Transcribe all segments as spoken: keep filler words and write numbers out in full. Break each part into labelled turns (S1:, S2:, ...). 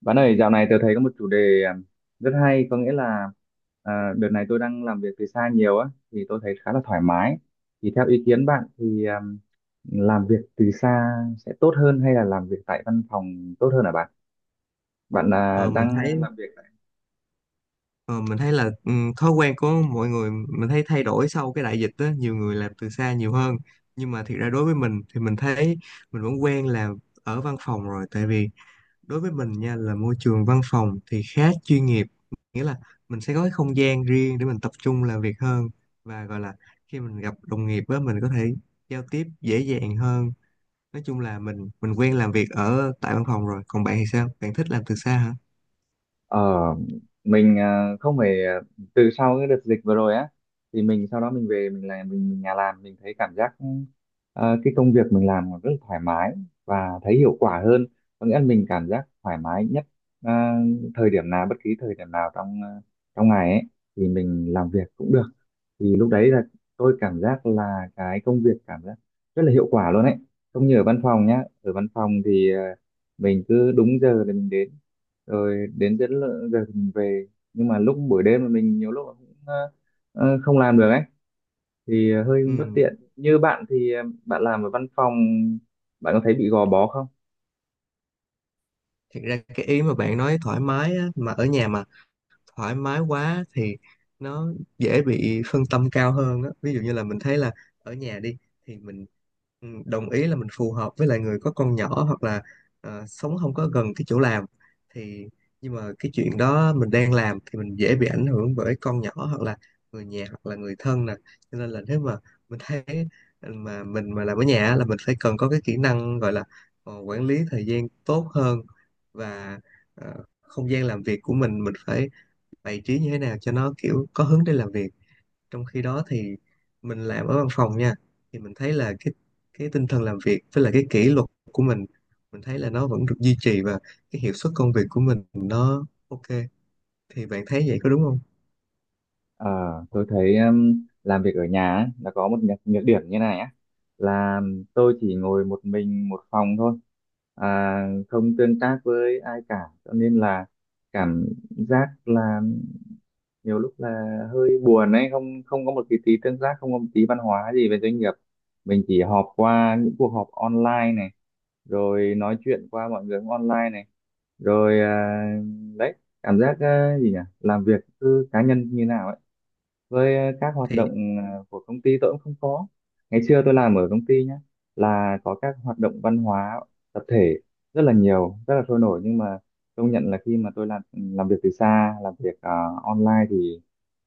S1: Bạn ơi, dạo này tôi thấy có một chủ đề à, rất hay, có nghĩa là à, đợt này tôi đang làm việc từ xa nhiều á, thì tôi thấy khá là thoải mái. Thì theo ý kiến bạn thì à, làm việc từ xa sẽ tốt hơn hay là làm việc tại văn phòng tốt hơn hả bạn? Bạn à,
S2: Ờ, mình
S1: đang
S2: thấy
S1: làm việc.
S2: ờ, mình thấy là ừ, thói quen của mọi người mình thấy thay đổi sau cái đại dịch á, nhiều người làm từ xa nhiều hơn. Nhưng mà thiệt ra đối với mình thì mình thấy mình vẫn quen làm ở văn phòng rồi, tại vì đối với mình nha, là môi trường văn phòng thì khá chuyên nghiệp, nghĩa là mình sẽ có cái không gian riêng để mình tập trung làm việc hơn, và gọi là khi mình gặp đồng nghiệp á, mình có thể giao tiếp dễ dàng hơn. Nói chung là mình mình quen làm việc ở tại văn phòng rồi, còn bạn thì sao, bạn thích làm từ xa hả?
S1: Ờ, mình à, không phải à, từ sau cái đợt dịch vừa rồi á, thì mình sau đó mình về mình làm mình, mình nhà làm mình thấy cảm giác à, cái công việc mình làm rất là thoải mái và thấy hiệu quả hơn, có nghĩa là mình cảm giác thoải mái nhất à, thời điểm nào, bất kỳ thời điểm nào trong à, trong ngày ấy thì mình làm việc cũng được. Thì lúc đấy là tôi cảm giác là cái công việc cảm giác rất là hiệu quả luôn ấy, không như ở văn phòng nhá. Ở văn phòng thì ờ, mình cứ đúng giờ thì mình đến, rồi đến đến lợ- giờ thì mình về, nhưng mà lúc buổi đêm là mình nhiều lúc cũng ờ, ờ, không làm được ấy, thì ờ, hơi bất
S2: Ừ.
S1: tiện. Như bạn thì ờ, bạn làm ở văn phòng bạn có thấy bị gò bó không?
S2: Thật ra cái ý mà bạn nói thoải mái á, mà ở nhà mà thoải mái quá thì nó dễ bị phân tâm cao hơn á. Ví dụ như là mình thấy là ở nhà đi, thì mình ừ, đồng ý là mình phù hợp với lại người có con nhỏ, hoặc là ờ, sống không có gần cái chỗ làm, thì nhưng mà cái chuyện đó mình đang làm thì mình dễ bị ảnh hưởng bởi con nhỏ, hoặc là người nhà, hoặc là người thân nè. Cho nên là nếu mà mình thấy ừ, mà mình mà làm ở nhà á, là mình phải cần có cái kỹ năng gọi là ờ, quản lý thời gian tốt hơn, và ờ, không gian làm việc của mình mình phải bày trí như thế nào cho nó kiểu có hướng để làm việc. Trong khi đó thì mình làm ở văn phòng nha, thì mình thấy là cái cái tinh thần làm việc với lại cái kỷ luật của mình mình thấy là nó vẫn được duy trì, và cái hiệu suất công việc của mình nó ok. Thì bạn thấy vậy có đúng không?
S1: Ờ, tôi thấy ừm, làm việc ở nhà ấy, là có một nhược, nhược điểm như này á, là tôi chỉ ngồi một mình một phòng thôi, à, không tương tác với ai cả, cho nên là cảm giác là nhiều lúc là hơi buồn ấy, không không có một cái tí tương tác, không có một tí văn hóa gì về doanh nghiệp. Mình chỉ họp qua những cuộc họp online này, rồi nói chuyện qua mọi người online này, rồi à, đấy, cảm giác à, gì nhỉ, làm việc cứ cá nhân như nào ấy, với ờ, các hoạt
S2: Thì
S1: động ờ, của công ty tôi cũng không có. Ngày xưa tôi làm ở công ty nhé, là có các hoạt động văn hóa tập thể rất là nhiều, rất là sôi nổi, nhưng mà công nhận là khi mà tôi làm ừ, làm việc từ xa, làm việc ờ, online thì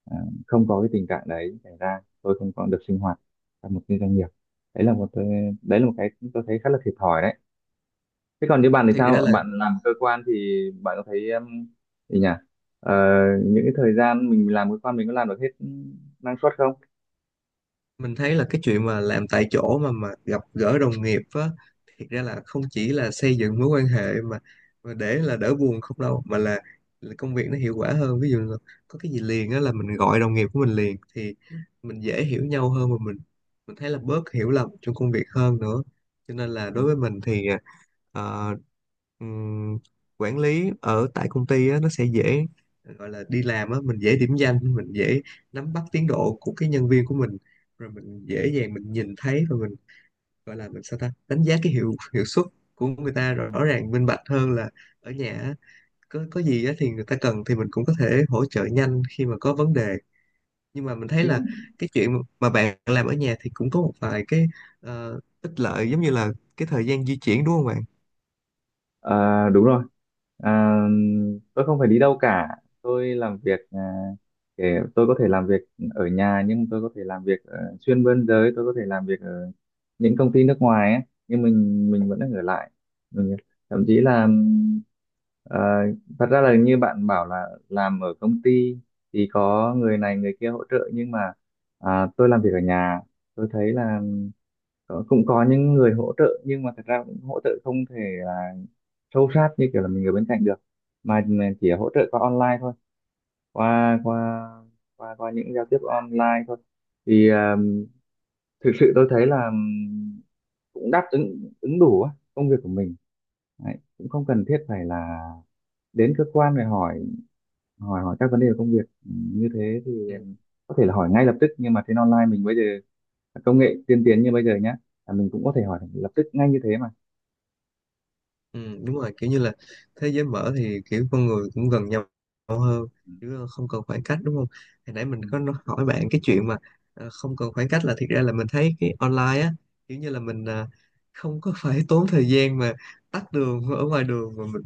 S1: ờ, không có cái tình trạng đấy xảy ra. Tôi không còn được sinh hoạt trong một cái doanh nghiệp. đấy là một tôi đấy là một cái tôi thấy khá là thiệt thòi đấy. Thế còn như bạn thì
S2: thiệt ra
S1: sao?
S2: là
S1: Bạn làm cơ quan thì bạn có thấy um, gì nhỉ? Ờ, những cái thời gian mình làm cơ quan mình có làm được hết năng suất không?
S2: mình thấy là cái chuyện mà làm tại chỗ mà mà gặp gỡ đồng nghiệp á, thiệt ra là không chỉ là xây dựng mối quan hệ mà, mà để là đỡ buồn không đâu, mà là, là công việc nó hiệu quả hơn. Ví dụ là có cái gì liền á là mình gọi đồng nghiệp của mình liền, thì mình dễ hiểu nhau hơn, và mình mình thấy là bớt hiểu lầm trong công việc hơn nữa. Cho nên là
S1: Ừ.
S2: đối với mình thì ờ, ừm, quản lý ở tại công ty á, nó sẽ dễ, gọi là đi làm á, mình dễ điểm danh, mình dễ nắm bắt tiến độ của cái nhân viên của mình, rồi mình dễ dàng mình nhìn thấy, và mình gọi là mình sao ta đánh giá cái hiệu hiệu suất của người ta rõ ràng minh bạch hơn là ở nhà á. có có gì á thì người ta cần thì mình cũng có thể hỗ trợ nhanh khi mà có vấn đề. Nhưng mà mình thấy là
S1: Như
S2: cái chuyện mà bạn làm ở nhà thì cũng có một vài cái ờ, ích lợi, giống như là cái thời gian di chuyển, đúng không bạn?
S1: À, đúng rồi. À, tôi không phải đi đâu cả. Tôi làm việc à, để tôi có thể làm việc ở nhà, nhưng tôi có thể làm việc ờ, xuyên biên giới, tôi có thể làm việc ở những công ty nước ngoài ấy, nhưng mình mình vẫn ở lại. Mình, thậm chí là ừm, ờ, thật ra là như bạn bảo là làm ở công ty thì có người này người kia hỗ trợ, nhưng mà à, tôi làm việc ở nhà, tôi thấy là có- cũng có những người hỗ trợ, nhưng mà thật ra cũng hỗ trợ không thể sâu sát như kiểu là mình ở bên cạnh được, mà mình chỉ hỗ trợ qua online thôi, qua qua qua qua những giao tiếp online thôi, thì à, thực sự tôi thấy là ừm, cũng đáp ứng ứng đủ á, công việc của mình. Đấy, cũng không cần thiết phải là đến cơ quan để hỏi hỏi hỏi các vấn đề về công việc. Ừ, như thế thì em có thể là hỏi ngay lập tức, nhưng mà trên online mình bây giờ công nghệ tiên tiến như bây giờ nhá, là mình cũng có thể hỏi lập tức ngay như thế mà.
S2: Ừ, đúng rồi, kiểu như là thế giới mở thì kiểu con người cũng gần nhau hơn,
S1: Ừ.
S2: chứ không cần khoảng cách đúng không. Hồi nãy mình
S1: Ừ.
S2: có nói- hỏi bạn cái chuyện mà ờ, không cần khoảng cách, là thiệt ra là mình thấy cái online á, kiểu như là mình ờ, không có phải tốn thời gian mà tắt đường ở ngoài đường mà mình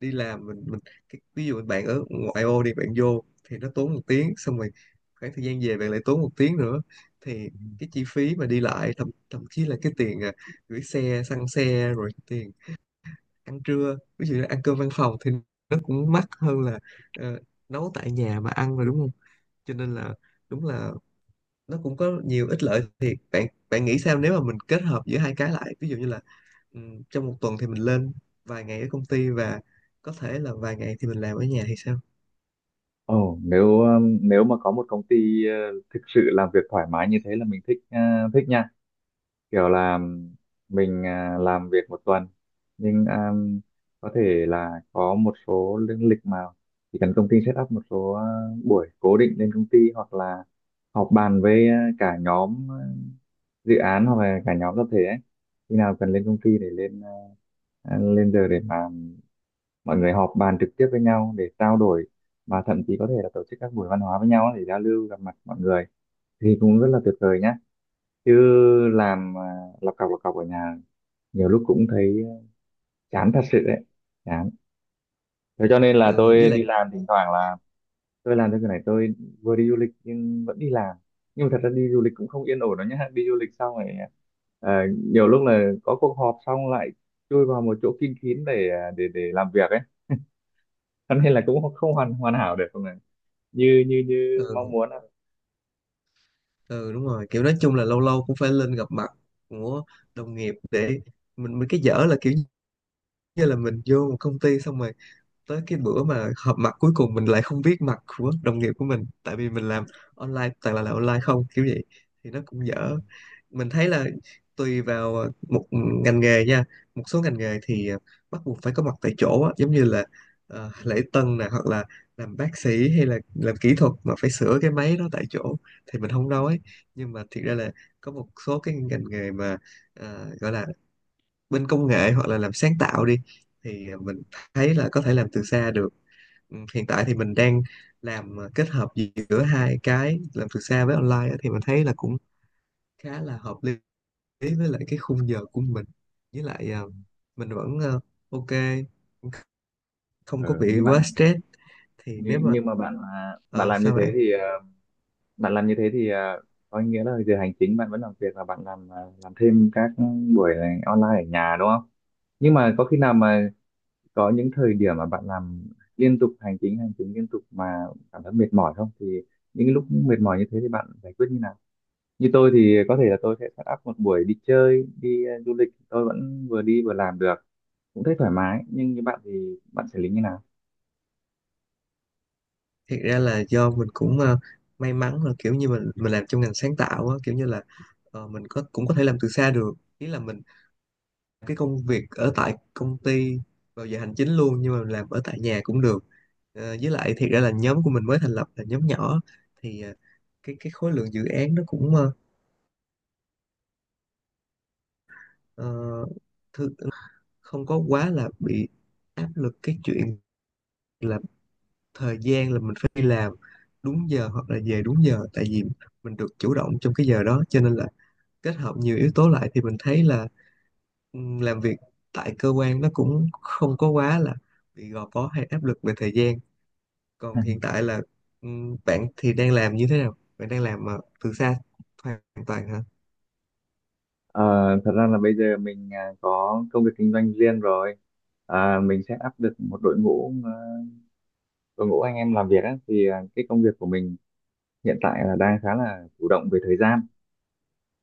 S2: đi làm mình mình cái, ví dụ bạn ở ngoại ô đi, bạn vô thì nó tốn một tiếng, xong rồi khoảng thời gian về bạn lại tốn một tiếng nữa, thì cái chi phí mà đi lại, thậm thậm chí là cái tiền ờ, gửi xe, xăng xe, rồi tiền ăn trưa, ví dụ như ăn cơm văn phòng thì nó cũng mắc hơn là ờ, nấu tại nhà mà ăn rồi đúng không. Cho nên là đúng là nó cũng có nhiều ích lợi thiệt. Bạn bạn nghĩ sao nếu mà mình kết hợp giữa hai cái lại, ví dụ như là ừm, trong một tuần thì mình lên vài ngày ở công ty, và có thể là vài ngày thì mình làm ở nhà thì sao?
S1: Ồ, nếu um, nếu mà có một công ty uh, thực sự làm việc thoải mái như thế là mình thích uh, thích nha. Kiểu là um, mình uh, làm việc một tuần, nhưng um, có thể là có một số lương lịch, mà chỉ cần công ty set up một số uh, buổi cố định lên công ty, hoặc là họp bàn với uh, cả nhóm uh, dự án, hoặc là cả nhóm tập thể ấy. Khi nào cần lên công ty để lên uh, lên giờ để mà mọi người họp bàn trực tiếp với nhau để trao đổi, và thậm chí có thể là tổ chức các buổi văn hóa với nhau để giao lưu gặp mặt mọi người thì cũng rất là tuyệt vời nhá. Chứ làm à, lọc cọc lọc cọc ở nhà nhiều lúc cũng thấy chán thật sự đấy, chán. Thế cho nên là
S2: Ừ, với
S1: tôi đi
S2: lại
S1: làm thỉnh thoảng là tôi làm cái này, tôi vừa đi du lịch nhưng vẫn đi làm. Nhưng mà thật ra đi du lịch cũng không yên ổn đâu nhá, đi du lịch xong rồi à, nhiều lúc là có cuộc họp xong lại chui vào một chỗ kín kín để à, để để làm việc ấy, cho nên là cũng không hoàn hoàn hảo được không này, như như như mong
S2: ừ,
S1: muốn ạ.
S2: ừ đúng rồi, kiểu nói chung là lâu lâu cũng phải lên gặp mặt của đồng nghiệp, để mình mình cái dở là kiểu như là mình vô một công ty xong rồi tới cái bữa mà họp mặt cuối cùng mình lại không biết mặt của đồng nghiệp của mình, tại vì mình làm online, toàn là làm online không kiểu vậy, thì nó cũng
S1: Đúng rồi.
S2: dở. Mình thấy là tùy vào một ngành nghề nha. Một số ngành nghề thì à, bắt buộc phải có mặt tại chỗ á, giống như là ờ, lễ tân nè, hoặc là làm bác sĩ, hay là làm kỹ thuật mà phải sửa cái máy đó tại chỗ, thì mình không nói. Nhưng mà thiệt ra là có một số cái ngành nghề mà ờ, gọi là bên công nghệ hoặc là làm sáng tạo đi, thì à, mình thấy là có thể làm từ xa được. Ừ, hiện tại thì mình đang làm ờ, kết hợp giữa hai cái, làm từ xa với online á, thì mình thấy là cũng khá là hợp lý với lại cái khung giờ của mình, với lại ờ, mình vẫn ờ, ok, không có
S1: Ừ,
S2: bị
S1: như
S2: quá
S1: bạn
S2: stress. Thì
S1: như,
S2: nếu mà
S1: nhưng mà bạn à, bạn
S2: ờ,
S1: làm như
S2: sao
S1: thế
S2: bạn,
S1: thì à, bạn làm như thế thì à, có nghĩa là giờ hành chính bạn vẫn làm việc và bạn làm à, làm thêm các buổi này online ở nhà đúng không? Nhưng mà có khi nào mà có những thời điểm mà bạn làm liên tục hành chính hành chính liên tục mà cảm thấy mệt mỏi không, thì những cái lúc mệt mỏi như thế thì bạn giải quyết như nào? Như tôi thì có thể là tôi sẽ set up một buổi đi chơi, đi à, du lịch, tôi vẫn vừa đi vừa làm được, cũng thấy thoải mái. Nhưng như bạn thì bạn xử lý như nào?
S2: thiệt ra là do mình cũng ờ, may mắn là kiểu như mình mình làm trong ngành sáng tạo á, kiểu như là ờ, mình có cũng có thể làm từ xa được, ý là mình cái công việc ở tại công ty vào giờ hành chính luôn, nhưng mà làm ở tại nhà cũng được. Ờ, với lại thiệt ra là nhóm của mình mới thành lập, là nhóm nhỏ, thì ờ, cái cái khối lượng dự án nó cũng ờ, ờ, thư- không có quá là bị áp lực cái chuyện là thời gian, là mình phải đi làm đúng giờ hoặc là về đúng giờ, tại vì mình được chủ động trong cái giờ đó. Cho nên là kết hợp nhiều yếu tố lại thì mình thấy là ừm, làm việc tại cơ quan nó cũng không có quá là bị gò bó hay áp lực về thời gian. Còn hiện tại là ừm, bạn thì đang làm như thế nào? Bạn đang làm ờ, từ xa hoàn toàn hả?
S1: Ờ, thật ra là bây giờ mình à, có công việc kinh doanh riêng rồi, à, mình sẽ áp được một đội ngũ, à, đội ngũ anh em làm việc á, thì à, cái công việc của mình hiện tại là đang khá là chủ động về thời gian,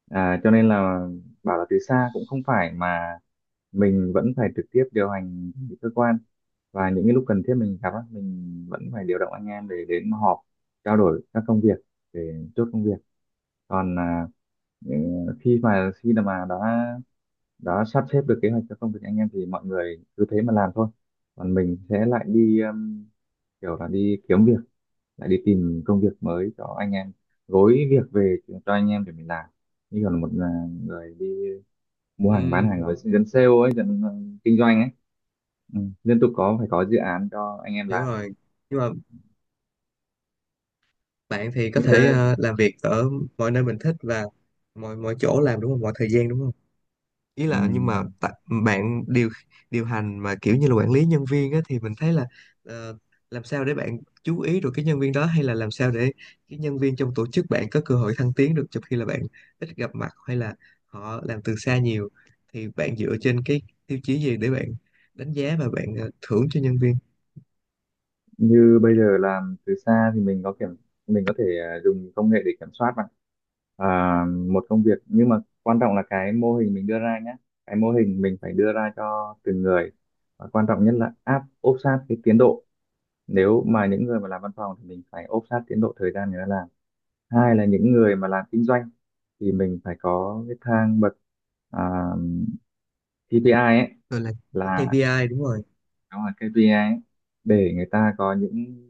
S1: à, cho nên là bảo là từ xa cũng không phải, mà mình vẫn phải trực tiếp điều hành cơ quan, và những cái lúc cần thiết mình gặp á, mình vẫn phải điều động anh em để đến họp trao đổi các công việc, để chốt công việc. Còn à, ừ, khi mà khi mà đã đã sắp xếp được kế hoạch cho công việc anh em thì mọi người cứ thế mà làm thôi, còn mình sẽ lại đi um, kiểu là đi kiếm việc, lại đi tìm công việc mới cho anh em, gối việc về cho anh em để mình làm. Như còn một à, người đi mua hàng bán hàng,
S2: Ừm,
S1: rồi dân sale ấy, dân ờ, kinh doanh ấy, ừ, liên tục có phải có dự án cho anh em
S2: hiểu
S1: làm
S2: rồi. Nhưng mà bạn thì có
S1: như
S2: thể
S1: thế.
S2: ờ, làm việc ở mọi nơi mình thích, và mọi mọi chỗ làm đúng không? Mọi thời gian đúng không? Ý
S1: Ừ,
S2: là nhưng mà tại- bạn điều điều hành mà kiểu như là quản lý nhân viên á, thì mình thấy là ờ, làm sao để bạn chú ý được cái nhân viên đó, hay là làm sao để cái nhân viên trong tổ chức bạn có cơ hội thăng tiến được, trong khi là bạn ít gặp mặt hay là họ làm từ xa nhiều, thì bạn dựa trên cái tiêu chí gì để bạn đánh giá và bạn ờ, thưởng cho nhân viên?
S1: như bây giờ làm từ xa thì mình có kiểm mình có thể à, dùng công nghệ để kiểm soát bạn à, một công việc, nhưng mà quan trọng là cái mô hình mình đưa ra nhé, cái mô hình mình phải đưa ra cho từng người, và quan trọng nhất là áp ốp sát cái tiến độ. Nếu mà những người mà làm văn phòng thì mình phải ốp sát tiến độ thời gian người ta làm, hai là những người mà làm kinh doanh thì mình phải có cái thang bậc à, ca pê i ấy,
S2: Rồi, là
S1: là
S2: ca pê i, đúng rồi,
S1: đó là ca pê i ấy, để người ta có những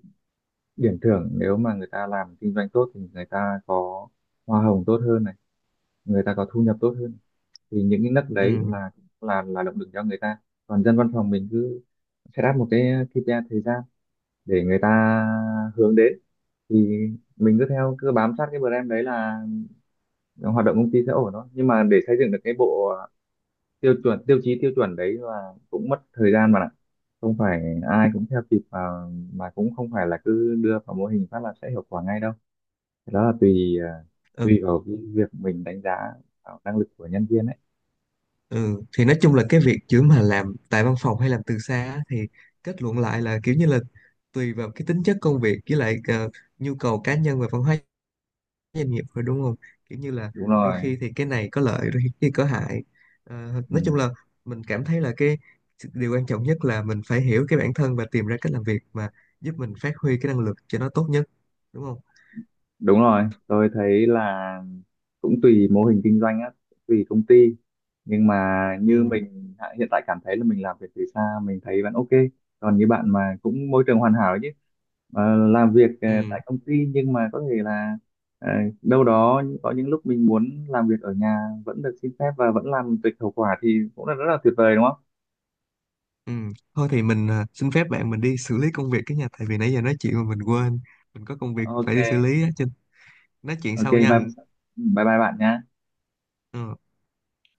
S1: điểm thưởng, nếu mà người ta làm kinh doanh tốt thì người ta có hoa hồng tốt hơn này, người ta có thu nhập tốt hơn, thì những cái nấc đấy
S2: ừ.
S1: là là là động lực cho người ta. Còn dân văn phòng mình cứ set up một cái ca pê i thời gian để người ta hướng đến, thì mình cứ theo, cứ bám sát cái brand đấy là hoạt động công ty sẽ ổn thôi. Nhưng mà để xây dựng được cái bộ tiêu chuẩn, tiêu chí tiêu chuẩn đấy là cũng mất thời gian mà ạ, không phải ai cũng theo kịp, và mà cũng không phải là cứ đưa vào mô hình phát là sẽ hiệu quả ngay đâu. Cái đó là tùy à, tùy vào cái việc mình đánh giá vào năng lực của nhân viên ấy.
S2: Ừ, thì nói chung là cái việc chữ mà làm tại văn phòng hay làm từ xa á, thì kết luận lại là kiểu như là tùy vào cái tính chất công việc, với lại ờ, nhu cầu cá nhân và văn hóa doanh nghiệp thôi, đúng không? Kiểu như là
S1: Đúng
S2: đôi
S1: rồi.
S2: khi thì cái này có lợi, đôi khi có hại. Ờ,
S1: Ừ.
S2: nói chung là mình cảm thấy là cái điều quan trọng nhất là mình phải hiểu cái bản thân và tìm ra cách làm việc mà giúp mình phát huy cái năng lực cho nó tốt nhất, đúng không?
S1: Đúng rồi, tôi thấy là cũng tùy mô hình kinh doanh á, tùy công ty, nhưng mà như
S2: Ừ,
S1: mình hạ- hiện tại cảm thấy là mình làm việc từ xa mình thấy vẫn ok. Còn như bạn mà cũng môi trường hoàn hảo ấy chứ, Ờ, làm việc ờ,
S2: ừ.
S1: tại công ty, nhưng mà có thể là ờ, đâu đó có những lúc mình muốn làm việc ở nhà vẫn được xin phép và vẫn làm tùy hiệu quả, thì cũng là rất là tuyệt vời đúng không?
S2: Ừ. Thôi thì mình à, xin phép bạn, mình đi xử lý công việc cái nhà, tại vì nãy giờ nói chuyện mà mình quên mình có công việc
S1: Ok.
S2: phải đi xử lý á chứ. Nói chuyện
S1: Ok
S2: sau
S1: bye,
S2: nha.
S1: bye bye bạn nhé.
S2: Ừ.